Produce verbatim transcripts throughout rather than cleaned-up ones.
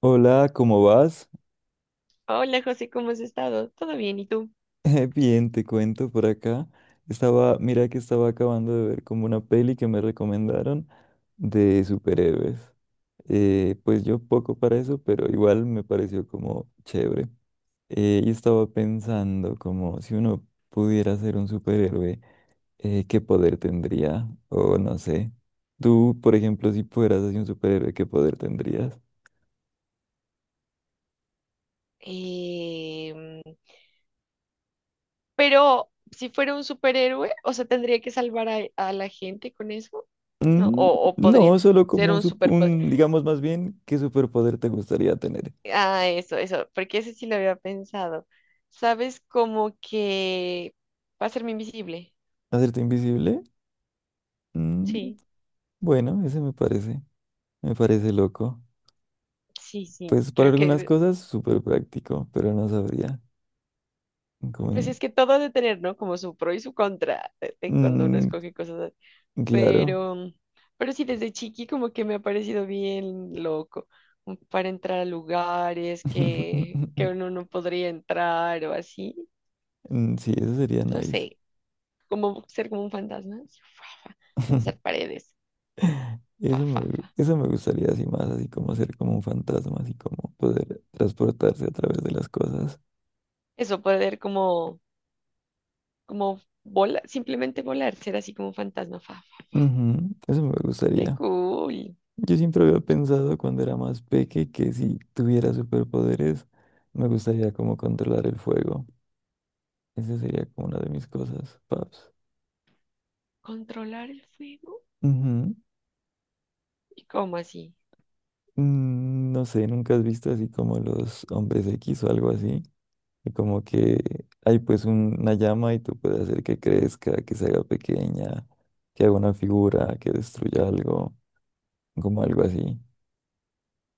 Hola, ¿cómo vas? Hola José, ¿cómo has estado? ¿Todo bien? ¿Y tú? Eh, Bien, te cuento por acá. Estaba, mira que estaba acabando de ver como una peli que me recomendaron de superhéroes. Eh, pues yo poco para eso, pero igual me pareció como chévere. Eh, y estaba pensando como si uno pudiera ser un superhéroe, eh, ¿qué poder tendría? O no sé. Tú, por ejemplo, si fueras así un superhéroe, ¿qué poder tendrías? Em, pero si fuera un superhéroe, o sea, tendría que salvar a, a la gente con eso, ¿no? Mm, O, o podría no, solo ser como un, un sup- superpoder. un, digamos más bien, ¿qué superpoder te gustaría tener? Ah, eso, eso, porque ese sí lo había pensado. ¿Sabes? Como que va a serme invisible. ¿Hacerte invisible? Mm, Sí, bueno, ese me parece, me parece loco. sí, sí, Pues para creo algunas que, cosas súper práctico, pero no sabría. Como pues en- es que todo ha de tener, ¿no? Como su pro y su contra de- de cuando uno Mm, escoge cosas claro. pero, pero sí, desde chiqui como que me ha parecido bien loco mm, para entrar a lugares que, que uno no podría entrar o así, Mm, sí, eso sería no nice. sé, como ser como un fantasma, así, fa, fa, hacer paredes, fa, Eso me, fa, gu- fa. eso me gustaría así más, así como ser como un fantasma, así como poder transportarse a través de las cosas. Eso, poder como, como volar, simplemente volar, ser así como un fantasma, fa, fa. Ujú, eso me Qué gustaría. cool. Yo siempre había pensado cuando era más peque que si tuviera superpoderes me gustaría como controlar el fuego. Esa sería como una de mis cosas, paps. Controlar el fuego. Ujú. ¿Y cómo así? Mm, no sé, ¿nunca has visto así como los hombres X o algo así? Y como que hay pues un- una llama y tú puedes hacer que crezca, que se haga pequeña, que haga una figura, que destruya algo, como algo así.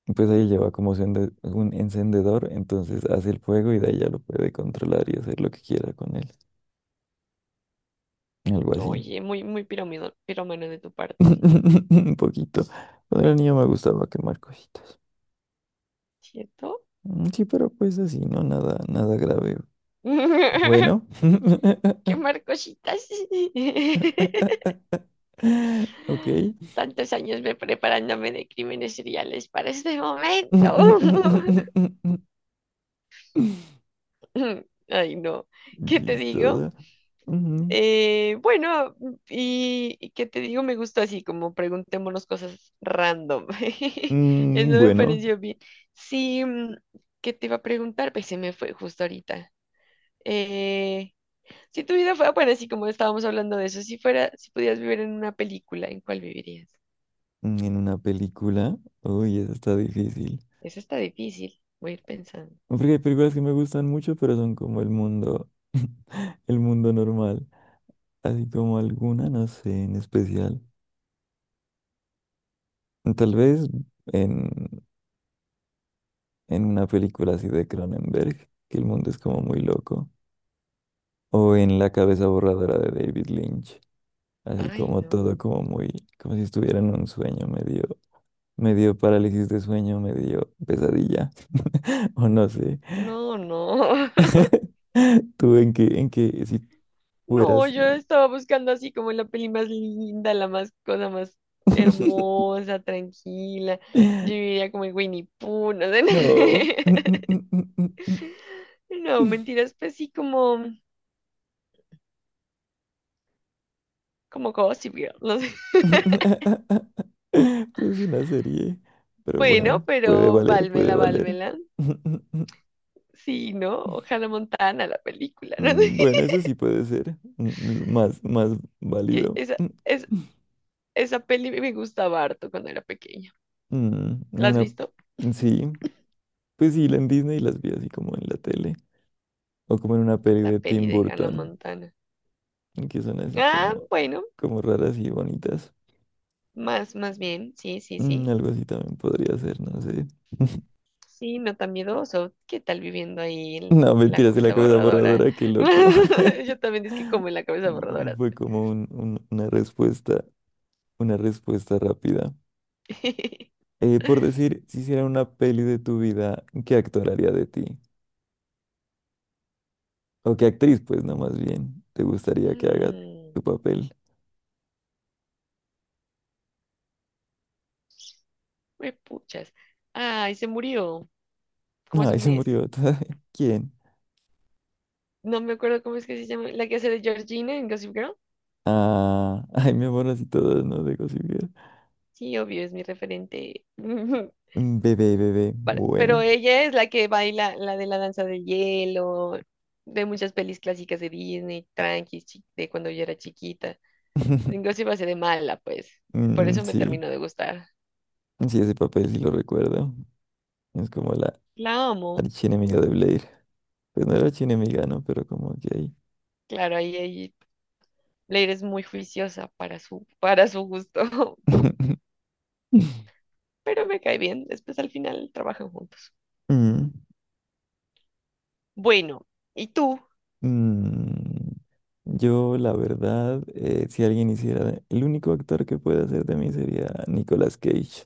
Y pues Mm. ahí lleva como su un encendedor, entonces hace el fuego y de ahí ya lo puede controlar y hacer lo que quiera con él. Algo así. Oye, muy, muy piromido- pirómano de tu parte, Un poquito. Cuando era niño me gustaba quemar cositas. ¿cierto? Mm, sí, pero pues así, no nada, nada grave. Bueno. Quemar cositas. Ok. Tantos años me preparándome de crímenes seriales para este momento. Ay, no. ¿Qué te digo? Chistosa. Ujú. Eh, bueno, y, y qué te digo, me gustó así, como preguntémonos cosas random. Eso Mm, me bueno, pareció bien. Sí, mm, ¿qué te iba a preguntar? Pues se me fue justo ahorita. Eh, si tu vida fuera, bueno, así como estábamos hablando de eso, si fuera, si pudieras vivir en una película, ¿en cuál vivirías? en una película. Uy, eso está difícil. Eso está difícil. Voy a ir pensando. No, porque hay películas que me gustan mucho, pero son como el mundo, el mundo normal. Así como alguna, no sé, en especial. Tal vez en, en una película así de Cronenberg, que el mundo es como muy loco. O en La cabeza borradora de David Lynch. Así Ay, como todo no. como muy, como si estuviera en un sueño, medio, medio parálisis de sueño, medio pesadilla. O no sé. No, no. ¿Tú en qué, en qué, si No, fueras? yo estaba buscando así como la peli más linda, la más cosa más hermosa, tranquila. Yo diría como en Winnie Pooh, no sé. No. No, mentiras, pues sí, como, como Gossip Girl, no sé. Es una serie. Pero Bueno, bueno, puede pero valer, puede válmela, valer. válmela. Sí, ¿no? Ojalá Montana, la película, ¿no? Mm, bueno, eso sí puede ser, mm, mm, más, más Que válido. esa, Mm, es, esa peli me gustaba harto cuando era pequeña. mm, ¿La has Una, visto? sí, pues sí, la en Disney las vi así como en la tele. O como en una peli La de peli Tim de Hannah Burton, Montana. que son así Ah, como, bueno, como raras y bonitas. más, más bien, sí, sí, Mm, sí. algo así también podría ser, no sé. Sí, no tan miedoso. ¿Qué tal viviendo ahí en No, la mentiras, de la cabeza cabeza borradora? borradora, qué loco. Yo también es que como en la cabeza borradora. Fue como un- un- una respuesta, una respuesta rápida. Eh, por decir, si hiciera una peli de tu vida, ¿qué actor haría de ti? O qué actriz, pues, no, más bien, te gustaría que haga Mm, tu papel. me puchas. Ay, se murió como hace Ay, un se mes. murió. ¿Quién? No me acuerdo cómo es que se llama. La que hace de Georgina en Gossip Girl. Ah, ay, mi amor, así todas, no dejo sin ver. Sí, obvio, es mi referente. Mm, bebé, bebé, para- Pero bueno. ella es la que baila la de la danza de hielo, de muchas pelis clásicas de Disney, tranquis, chi- de cuando yo era chiquita. Inclusive hace de mala, pues. Por Mm, eso me sí, terminó de gustar. sí, ese papel sí lo recuerdo. Es como la La amo. archienemiga de Blair. Pues no era chinemiga, ¿no? Pero como que ahí. Claro, ahí, ahí Leire es muy juiciosa para su, para su gusto, pero me cae bien. Después al final trabajan juntos. Mm, Bueno, ¿y tú? mm. Yo, la verdad, eh, si alguien hiciera, el único actor que puede hacer de mí sería Nicolas Cage.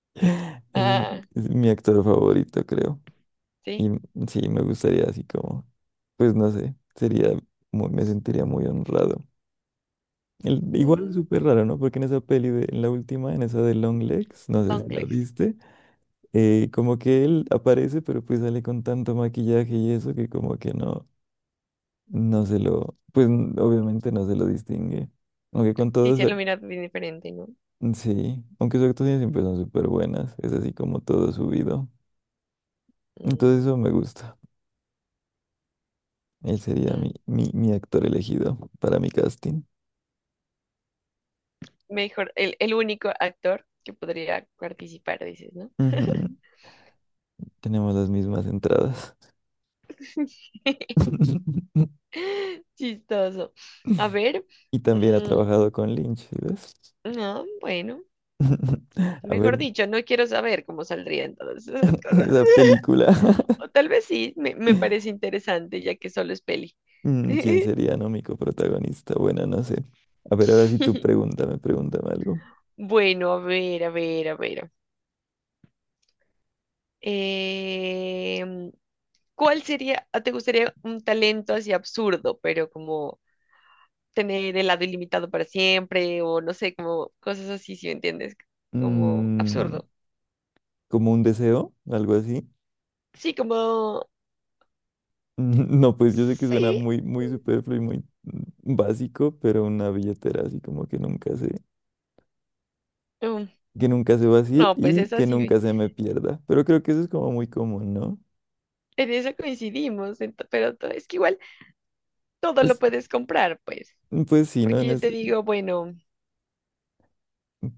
Es, Ah, es mi actor favorito, creo. Y sí. m- sí, me gustaría así como, pues no sé, sería, muy- me sentiría muy honrado. El, igual es Mm, súper raro, ¿no? Porque en esa peli de, en la última, en esa de Long Legs, no sé long si la legs. viste, eh, como que él aparece, pero pues sale con tanto maquillaje y eso que como que no, no se lo, pues n- obviamente no se lo distingue. Aunque con Sí, todos, se lo mira bien diferente, ¿no? sí, aunque sus actuaciones siempre son súper buenas, es así como todo subido. Entonces Mm, eso me gusta. Él sería mi, mm. mi, mi actor elegido para mi casting. Mejor, el, el único actor que podría participar, dices, ¿no? Ujú, tenemos las mismas entradas. Chistoso. A ver, Y también ha mm, trabajado con Lynch, ¿sí ves? no, bueno, A ver, mejor dicho, no quiero saber cómo saldrían todas esas cosas. esa película. O tal vez sí, me, me parece interesante, ya que solo es peli. Mm, ¿quién sería, no, mi coprotagonista? Bueno, no sé. A ver, ahora sí tú pregúntame, pregúntame algo. Bueno, a ver, a ver, a ver. Em, ¿Cuál sería, ah, te gustaría un talento así absurdo, pero como tener helado ilimitado para siempre o no sé, como cosas así, si me entiendes, como Mm, absurdo? ¿como un deseo? ¿Algo así? Sí, como, Mm, no, pues yo sé que suena sí, muy, muy superfluo y muy mm, básico, pero una billetera así como que nunca se, mm, que nunca se vacíe no, pues y es que así, nunca se me pierda. Pero creo que eso es como muy común, ¿no? en eso coincidimos, ento- pero to- es que igual todo lo Es, puedes comprar, pues, mm, pues sí, ¿no? porque En yo te ese- digo, bueno,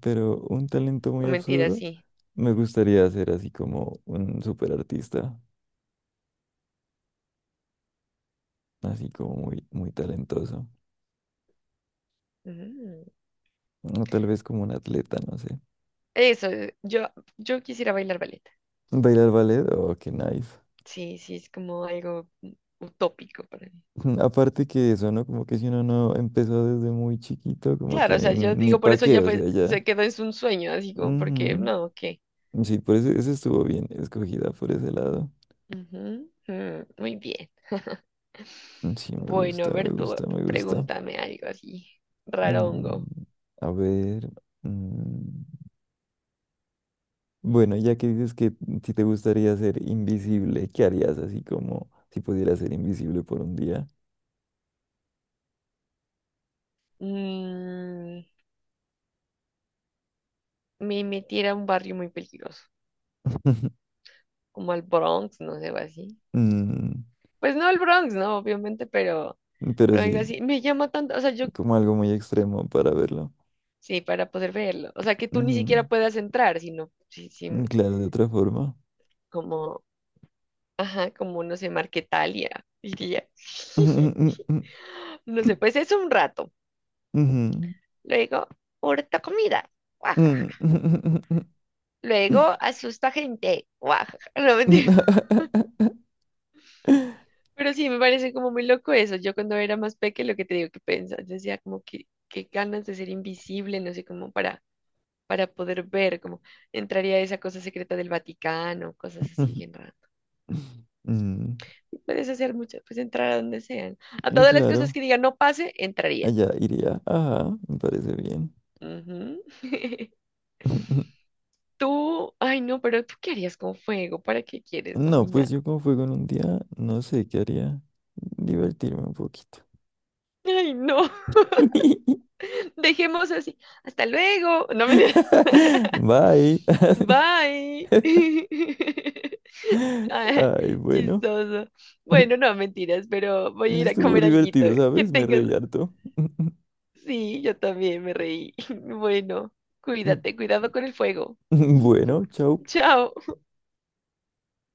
pero un talento muy no mentira, absurdo. sí. Me gustaría ser así como un superartista, así como muy, muy talentoso. Mm. O tal vez como un atleta, no sé. Eso, eh, yo, yo quisiera bailar ballet. Bailar ballet, oh, qué nice. Sí, sí, es como algo mm, utópico para mí. Aparte que eso, ¿no? Como que si uno no empezó desde muy chiquito, como que Claro, o sea, yo ni digo, por pa' eso qué, ya o fue, sea, ya. se quedó en un sueño, así como, porque no, ¿qué? Ujú. Sí, por eso, eso estuvo bien escogida por ese lado. Ujú, mm, muy bien. Mm, sí, me Bueno, a gusta, me ver tú, gusta, me gusta. pregúntame algo así, rarongo. Mm, a ver. Mm, bueno, ya que dices que si te gustaría ser invisible, ¿qué harías así como si pudieras ser invisible por un día? Mm, me metiera a un barrio muy peligroso, como al Bronx, no sé, o así. Mm, Pues no al Bronx, no, obviamente, pero, pero pero algo sí, así. Me llama tanto, o sea, yo, como algo muy extremo para verlo. sí, para poder verlo. O sea, que tú ni Ujú, siquiera puedas entrar, sino, sí, sí, mm, claro, de otra forma. como, ajá, como, no sé, Marquetalia, diría. Ujú, No sé, pues es un rato. ujú, Luego, ahorita comida. ujú, Luego asusta gente. Guajaja. No, ujú. mentira. Pero sí, me parece como muy loco eso. Yo cuando era más pequeña lo que te digo que pensaba, decía como que qué ganas de ser invisible, no sé, como para, para poder ver, como entraría a esa cosa secreta del Vaticano, cosas así bien raras. Mm, Puedes hacer mucho, pues entrar a donde sean. A y todas las cosas claro, que digan no pase, entraría. allá iría. Ajá, me parece bien. Ujú. Tú, ay no, pero tú qué harías con fuego, ¿para qué quieres No, pues dominar? yo como fue con un día, no sé qué haría. Divertirme un poquito. Ay no, dejemos así. Hasta luego. No me Bye. Bye. Ah, Ay, bueno. chistoso. Bueno, no, mentiras, pero voy a ir a Estuvo comer alguito. divertido, Que ¿sabes? Me tengas. reí harto. Sí, yo también me reí. Bueno, cuídate, cuidado con el fuego. Bueno, chao. Chao.